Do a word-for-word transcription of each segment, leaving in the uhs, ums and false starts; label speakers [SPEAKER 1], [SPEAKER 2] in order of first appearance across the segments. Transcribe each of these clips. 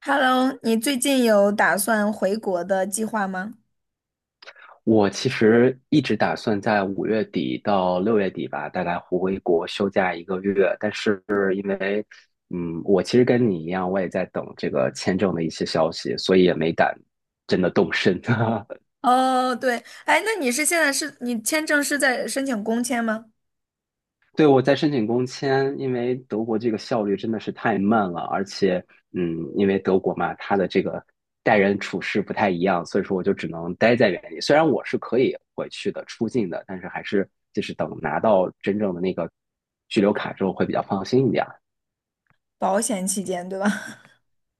[SPEAKER 1] Hello,你最近有打算回国的计划吗？
[SPEAKER 2] 我其实一直打算在五月底到六月底吧，大概回国休假一个月。但是因为，嗯，我其实跟你一样，我也在等这个签证的一些消息，所以也没敢真的动身。
[SPEAKER 1] 哦，对，哎，那你是现在是你签证是在申请工签吗？
[SPEAKER 2] 对，我在申请工签，因为德国这个效率真的是太慢了，而且，嗯，因为德国嘛，它的这个待人处事不太一样，所以说我就只能待在原地。虽然我是可以回去的、出境的，但是还是就是等拿到真正的那个居留卡之后会比较放心一点。
[SPEAKER 1] 保险期间，对吧？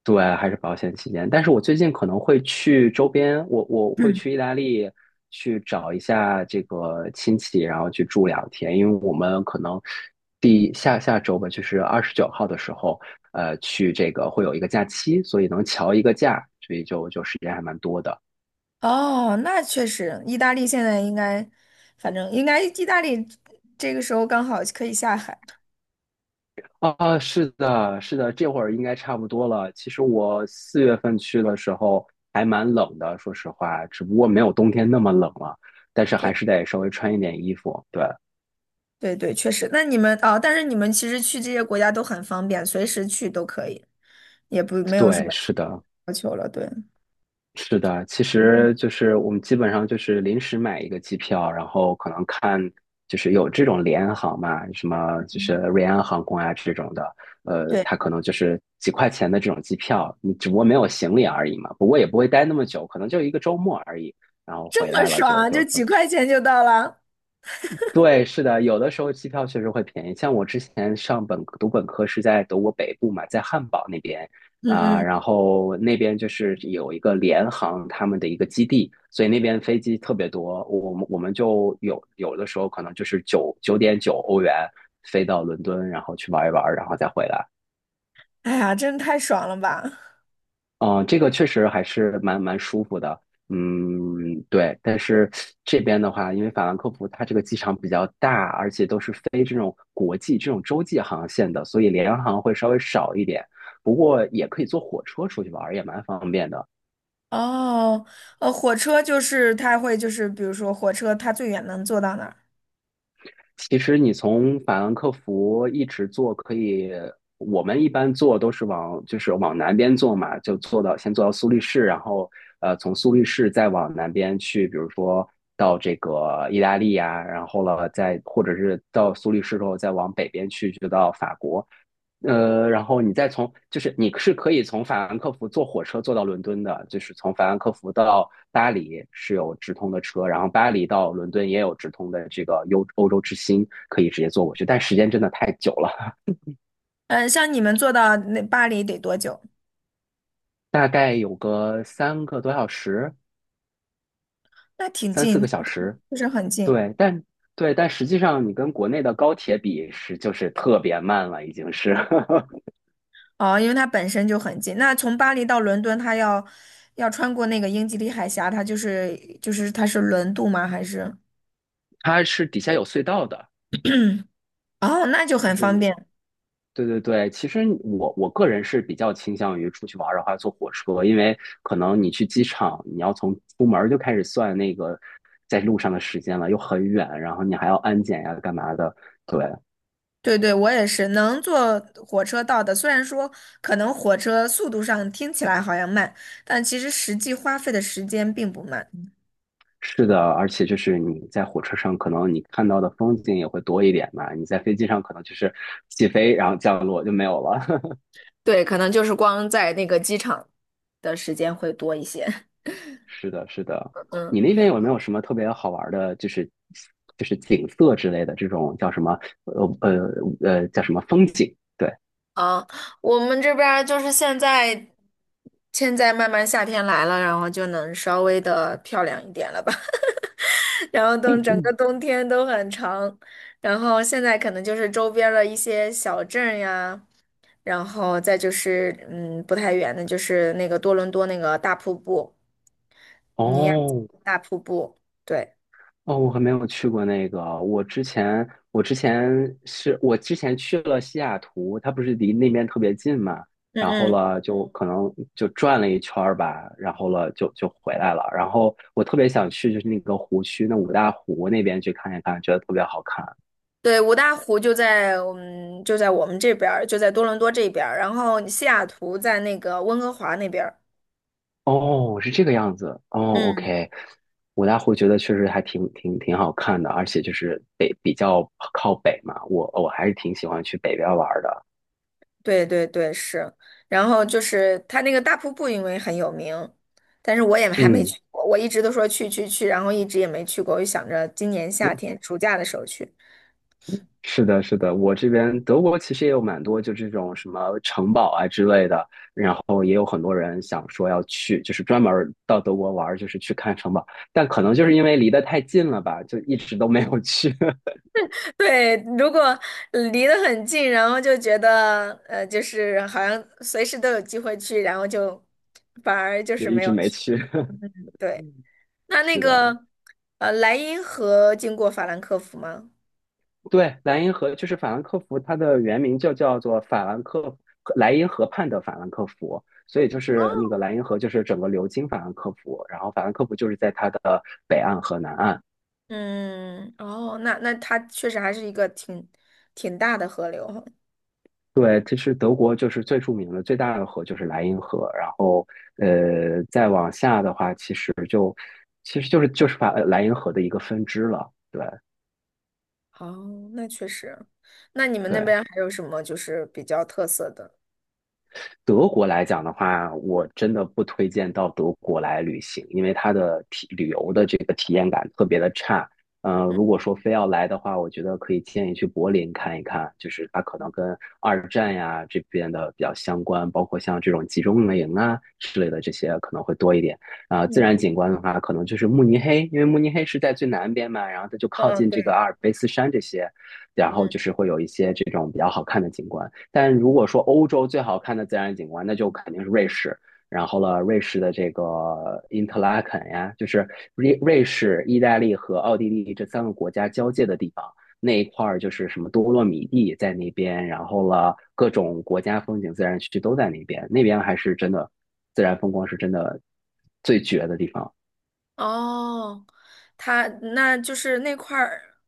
[SPEAKER 2] 对，还是保险起见。但是我最近可能会去周边，我我 会
[SPEAKER 1] 嗯。
[SPEAKER 2] 去意大利去找一下这个亲戚，然后去住两天，因为我们可能第下下周吧，就是二十九号的时候，呃，去这个会有一个假期，所以能调一个假，所以就就时间还蛮多的。
[SPEAKER 1] 哦，那确实，意大利现在应该，反正应该意大利这个时候刚好可以下海。
[SPEAKER 2] 啊，哦是的，是的，这会儿应该差不多了。其实我四月份去的时候还蛮冷的，说实话，只不过没
[SPEAKER 1] 嗯，
[SPEAKER 2] 有冬天那么冷了，但是
[SPEAKER 1] 对
[SPEAKER 2] 还是得稍微穿一点衣服。对。
[SPEAKER 1] 对对，确实。那你们哦，但是你们其实去这些国家都很方便，随时去都可以，也不没有什
[SPEAKER 2] 对，
[SPEAKER 1] 么
[SPEAKER 2] 是的，
[SPEAKER 1] 要求了。对，
[SPEAKER 2] 是的。其实就是我们基本上就是临时买一个机票，然后可能看就是有这种联航嘛，什么就是
[SPEAKER 1] 嗯，
[SPEAKER 2] 瑞安航空啊这种的，呃，
[SPEAKER 1] 对，
[SPEAKER 2] 它可能就是几块钱的这种机票，你只不过没有行李而已嘛。不过也不会待那么久，可能就一个周末而已，然后回
[SPEAKER 1] 这么
[SPEAKER 2] 来了就
[SPEAKER 1] 爽，就
[SPEAKER 2] 就
[SPEAKER 1] 几块钱就到了。
[SPEAKER 2] 对，是的，有的时候机票确实会便宜。像我之前上本读本科是在德国北部嘛，在汉堡那边
[SPEAKER 1] 嗯
[SPEAKER 2] 啊、然
[SPEAKER 1] 嗯，
[SPEAKER 2] 后那边就是有一个联航他们的一个基地，所以那边飞机特别多。我们我们就有有的时候可能就是九九点九欧元飞到伦敦，然后去玩一玩，然后再回来。
[SPEAKER 1] 哎呀，真太爽了吧！
[SPEAKER 2] 嗯，这个确实还是蛮蛮舒服的。嗯，对。但是这边的话，因为法兰克福它这个机场比较大，而且都是飞这种国际、这种洲际航线的，所以联航会稍微少一点。不过也可以坐火车出去玩儿，也蛮方便的。
[SPEAKER 1] 哦，呃，火车就是它会就是，比如说火车它最远能坐到哪儿？
[SPEAKER 2] 其实你从法兰克福一直坐，可以，我们一般坐都是往就是往南边坐嘛，就坐到先坐到苏黎世，然后呃从苏黎世再往南边去，比如说到这个意大利呀，然后了再或者是到苏黎世之后再往北边去，就到法国。呃，然后你再从，就是你是可以从法兰克福坐火车坐到伦敦的，就是从法兰克福到巴黎是有直通的车，然后巴黎到伦敦也有直通的这个欧欧洲之星，可以直接坐过去，但时间真的太久了，
[SPEAKER 1] 嗯，像你们坐到那巴黎得多久？
[SPEAKER 2] 大概有个三个多小时，
[SPEAKER 1] 那挺
[SPEAKER 2] 三四
[SPEAKER 1] 近，
[SPEAKER 2] 个小时，
[SPEAKER 1] 就是很近。
[SPEAKER 2] 对，但对，但实际上你跟国内的高铁比是就是特别慢了，已经是，
[SPEAKER 1] 哦，因为它本身就很近。那从巴黎到伦敦，它要要穿过那个英吉利海峡，它就是就是它是轮渡吗？还是？
[SPEAKER 2] 它是底下有隧道的。
[SPEAKER 1] 哦，那就
[SPEAKER 2] 就
[SPEAKER 1] 很方
[SPEAKER 2] 是
[SPEAKER 1] 便。
[SPEAKER 2] 对对对，其实我我个人是比较倾向于出去玩儿的话坐火车，因为可能你去机场，你要从出门儿就开始算那个在路上的时间了，又很远，然后你还要安检呀，干嘛的？对，
[SPEAKER 1] 对对，我也是能坐火车到的。虽然说可能火车速度上听起来好像慢，但其实实际花费的时间并不慢。
[SPEAKER 2] 是的，而且就是你在火车上，可能你看到的风景也会多一点嘛，你在飞机上可能就是起飞然后降落就没有了。
[SPEAKER 1] 对，可能就是光在那个机场的时间会多一些。
[SPEAKER 2] 是的，是的。
[SPEAKER 1] 嗯。
[SPEAKER 2] 你那边有没有什么特别好玩儿的，就是就是景色之类的这种叫什么？呃呃呃，叫什么风景？对，
[SPEAKER 1] 啊，我们这边儿就是现在，现在慢慢夏天来了，然后就能稍微的漂亮一点了吧。然后等整个冬天都很长，然后现在可能就是周边儿的一些小镇呀。然后再就是，嗯，不太远的，就是那个多伦多那个大瀑布，尼亚
[SPEAKER 2] 哦
[SPEAKER 1] 大瀑布，对，
[SPEAKER 2] 哦，我还没有去过那个。我之前我之前是我之前去了西雅图，它不是离那边特别近嘛，然后
[SPEAKER 1] 嗯嗯，
[SPEAKER 2] 了就可能就转了一圈儿吧，然后了就就回来了。然后我特别想去就是那个湖区，那五大湖那边去看一看，觉得特别好看。
[SPEAKER 1] 对，五大湖就在我们就在我们这边儿，就在多伦多这边儿，然后西雅图在那个温哥华那边儿，
[SPEAKER 2] 哦，是这个样子。哦
[SPEAKER 1] 嗯，
[SPEAKER 2] ，OK,我大湖觉得确实还挺挺挺好看的，而且就是北比较靠北嘛，我我还是挺喜欢去北边玩儿的。
[SPEAKER 1] 对对对，是，然后就是它那个大瀑布，因为很有名，但是我也还没
[SPEAKER 2] 嗯，
[SPEAKER 1] 去过，我一直都说去去去，然后一直也没去过，我就想着今年夏天暑假的时候去。
[SPEAKER 2] 是的，是的，我这边德国其实也有蛮多就这种什么城堡啊之类的，然后也有很多人想说要去，就是专门儿到德国玩儿就是去看城堡，但可能就是因为离得太近了吧，就一直都没有去，
[SPEAKER 1] 对，如果呃离得很近，然后就觉得呃，就是好像随时都有机会去，然后就反而就
[SPEAKER 2] 就
[SPEAKER 1] 是
[SPEAKER 2] 一
[SPEAKER 1] 没
[SPEAKER 2] 直
[SPEAKER 1] 有
[SPEAKER 2] 没
[SPEAKER 1] 去。
[SPEAKER 2] 去。
[SPEAKER 1] 对，那那
[SPEAKER 2] 是的，
[SPEAKER 1] 个呃，莱茵河经过法兰克福吗？
[SPEAKER 2] 对，莱茵河就是法兰克福，它的原名就叫做法兰克莱茵河畔的法兰克福，所以就是那个莱茵河就是整个流经法兰克福，然后法兰克福就是在它的北岸和南岸。
[SPEAKER 1] 嗯，哦，那那它确实还是一个挺挺大的河流哈。
[SPEAKER 2] 对，其实德国就是最著名的最大的河就是莱茵河，然后呃再往下的话，其实就其实就是就是法呃莱茵河的一个分支了。对
[SPEAKER 1] 哦，那确实。那你们那
[SPEAKER 2] 对，
[SPEAKER 1] 边还有什么就是比较特色的？
[SPEAKER 2] 德国来讲的话，我真的不推荐到德国来旅行，因为它的体旅游的这个体验感特别的差。嗯、呃，如
[SPEAKER 1] 嗯
[SPEAKER 2] 果说非要来的话，我觉得可以建议去柏林看一看，就是它可能跟二战呀这边的比较相关，包括像这种集中营啊之类的这些可能会多一点。啊、自
[SPEAKER 1] 嗯，
[SPEAKER 2] 然景观的话，可能就是慕尼黑，因为慕尼黑是在最南边嘛，然后它就靠
[SPEAKER 1] 嗯，
[SPEAKER 2] 近这个
[SPEAKER 1] 对。
[SPEAKER 2] 阿尔卑斯山这些，然后
[SPEAKER 1] 嗯。
[SPEAKER 2] 就是会有一些这种比较好看的景观。但如果说欧洲最好看的自然景观，那就肯定是瑞士。然后了，瑞士的这个因特拉肯呀，就是瑞瑞士、意大利和奥地利这三个国家交界的地方，那一块儿就是什么多洛米蒂在那边，然后了各种国家风景自然区都在那边，那边还是真的自然风光是真的最绝的地方。
[SPEAKER 1] 哦，它那就是那块儿，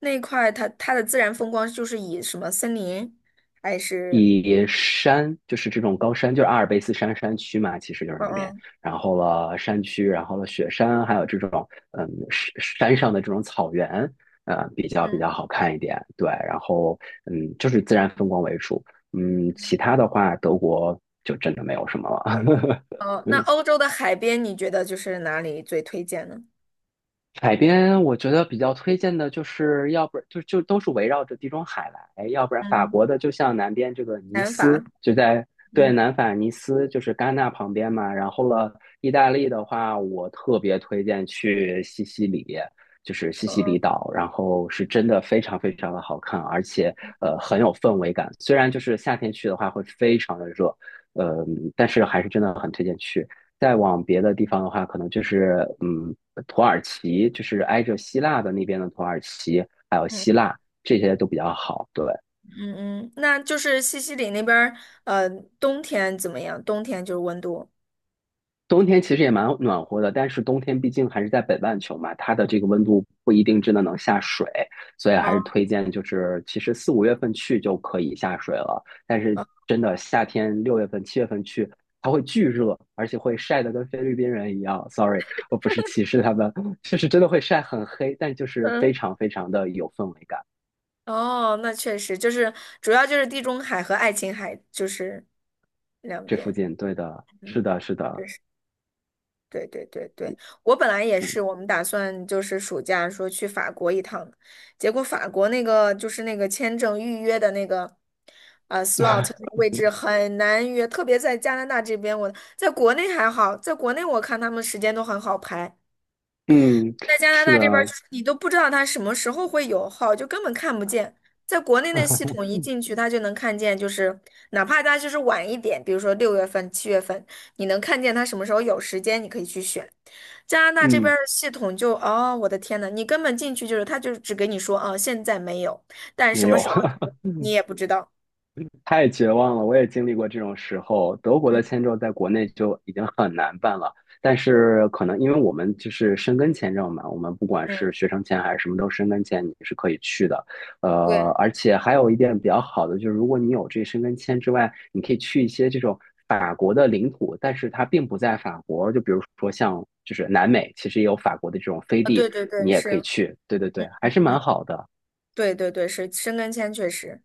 [SPEAKER 1] 那块它它的自然风光就是以什么森林还是
[SPEAKER 2] 以山就是这种高山，就是阿尔卑斯山山区嘛，其实就是
[SPEAKER 1] 嗯
[SPEAKER 2] 那边。
[SPEAKER 1] 嗯
[SPEAKER 2] 然后了山区，然后了雪山，还有这种嗯山山上的这种草原，呃，比较比较
[SPEAKER 1] 嗯。
[SPEAKER 2] 好看一点。对，然后嗯，就是自然风光为主。嗯，其他的话，德国就真的没有什么了。
[SPEAKER 1] 哦，那欧洲的海边你觉得就是哪里最推荐呢？
[SPEAKER 2] 海边我觉得比较推荐的就是，要不就就都是围绕着地中海来，哎要不然法
[SPEAKER 1] 嗯，
[SPEAKER 2] 国的就像南边这个尼
[SPEAKER 1] 南法，
[SPEAKER 2] 斯，就在对
[SPEAKER 1] 嗯
[SPEAKER 2] 南法尼斯，就是戛纳旁边嘛。然后了，意大利的话，我特别推荐去西西里，就是西西里
[SPEAKER 1] 嗯，
[SPEAKER 2] 岛，然后是真的非常非常的好看，而且呃很有氛围感。虽然就是夏天去的话会非常的热，呃，但是还是真的很推荐去。再往别的地方的话，可能就是嗯，土耳其，就是挨着希腊的那边的土耳其，还有希
[SPEAKER 1] 嗯
[SPEAKER 2] 腊，这些都比较好。对，
[SPEAKER 1] 嗯，嗯，那就是西西里那边儿，呃，冬天怎么样？冬天就是温度。
[SPEAKER 2] 冬天其实也蛮暖和的，但是冬天毕竟还是在北半球嘛，它的这个温度不一定真的能下水，所以还
[SPEAKER 1] 哦，
[SPEAKER 2] 是推荐就是其实四五月份去就可以下水了。但是
[SPEAKER 1] 哦，
[SPEAKER 2] 真的夏天六月份、七月份去，它会巨热，而且会晒得跟菲律宾人一样。Sorry,我不是歧视他们，就是真的会晒很黑，但就是非
[SPEAKER 1] 嗯，
[SPEAKER 2] 常非常的有氛围感。
[SPEAKER 1] 哦，那确实就是主要就是地中海和爱琴海就是两
[SPEAKER 2] 这附
[SPEAKER 1] 边，
[SPEAKER 2] 近，对的，是
[SPEAKER 1] 嗯，
[SPEAKER 2] 的，是
[SPEAKER 1] 对。
[SPEAKER 2] 的，
[SPEAKER 1] 对对对对，我本来也
[SPEAKER 2] 嗯
[SPEAKER 1] 是，我们打算就是暑假说去法国一趟，结果法国那个就是那个签证预约的那个，呃，slot 那个位置很难约，特别在加拿大这边，我在国内还好，在国内我看他们时间都很好排，
[SPEAKER 2] 嗯，
[SPEAKER 1] 在加拿
[SPEAKER 2] 是
[SPEAKER 1] 大这边儿，就
[SPEAKER 2] 的，
[SPEAKER 1] 是你都不知道它什么时候会有号，就根本看不见。在国内那系统一进去，它就能看见，就是哪怕它就是晚一点，比如说六月份、七月份，你能看见它什么时候有时间，你可以去选。加拿大这边儿
[SPEAKER 2] 嗯，
[SPEAKER 1] 的系统就，哦，我的天呐，你根本进去就是它就只给你说啊，现在没有，但什
[SPEAKER 2] 没
[SPEAKER 1] 么
[SPEAKER 2] 有。
[SPEAKER 1] 时候 你也不知道。
[SPEAKER 2] 太绝望了，我也经历过这种时候。德国
[SPEAKER 1] 嗯
[SPEAKER 2] 的签证在国内就已经很难办了，但是可能因为我们就是申根签证嘛，我们不管
[SPEAKER 1] 嗯，
[SPEAKER 2] 是学生签还是什么都申根签，你是可以去的。呃，
[SPEAKER 1] 对，
[SPEAKER 2] 而且还有一点比较好的就是，如果你有这申根签之外，你可以去一些这种法国的领土，但是它并不在法国。就比如说像就是南美，其实也有法国的这种飞
[SPEAKER 1] 啊，对
[SPEAKER 2] 地，
[SPEAKER 1] 对对，
[SPEAKER 2] 你也可以
[SPEAKER 1] 是，
[SPEAKER 2] 去。对对对，还是蛮好的。
[SPEAKER 1] 对对对，是，申根签确实，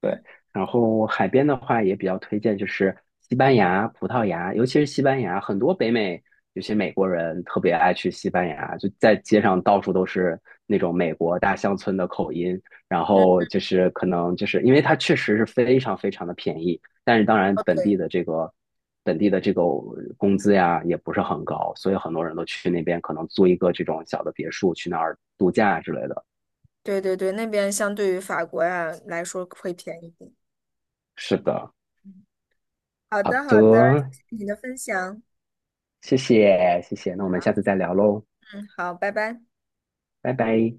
[SPEAKER 2] 对，
[SPEAKER 1] 嗯
[SPEAKER 2] 然后海边的话也比较推荐，就是西班牙、葡萄牙，尤其是西班牙，很多北美有些美国人特别爱去西班牙，就在街上到处都是那种美国大乡村的口音，然
[SPEAKER 1] 嗯，
[SPEAKER 2] 后就是可能就是因为它确实是非常非常的便宜，但是当然
[SPEAKER 1] 哦，
[SPEAKER 2] 本地
[SPEAKER 1] 对。
[SPEAKER 2] 的这个本地的这个工资呀也不是很高，所以很多人都去那边可能租一个这种小的别墅去那儿度假之类的。
[SPEAKER 1] 对对对，那边相对于法国呀来说会便宜一点。
[SPEAKER 2] 是的，
[SPEAKER 1] 好
[SPEAKER 2] 好
[SPEAKER 1] 的，好的，
[SPEAKER 2] 的，
[SPEAKER 1] 谢谢你的分享。
[SPEAKER 2] 谢谢，谢谢，那我们下次再聊喽，
[SPEAKER 1] 嗯，好，拜拜。
[SPEAKER 2] 拜拜。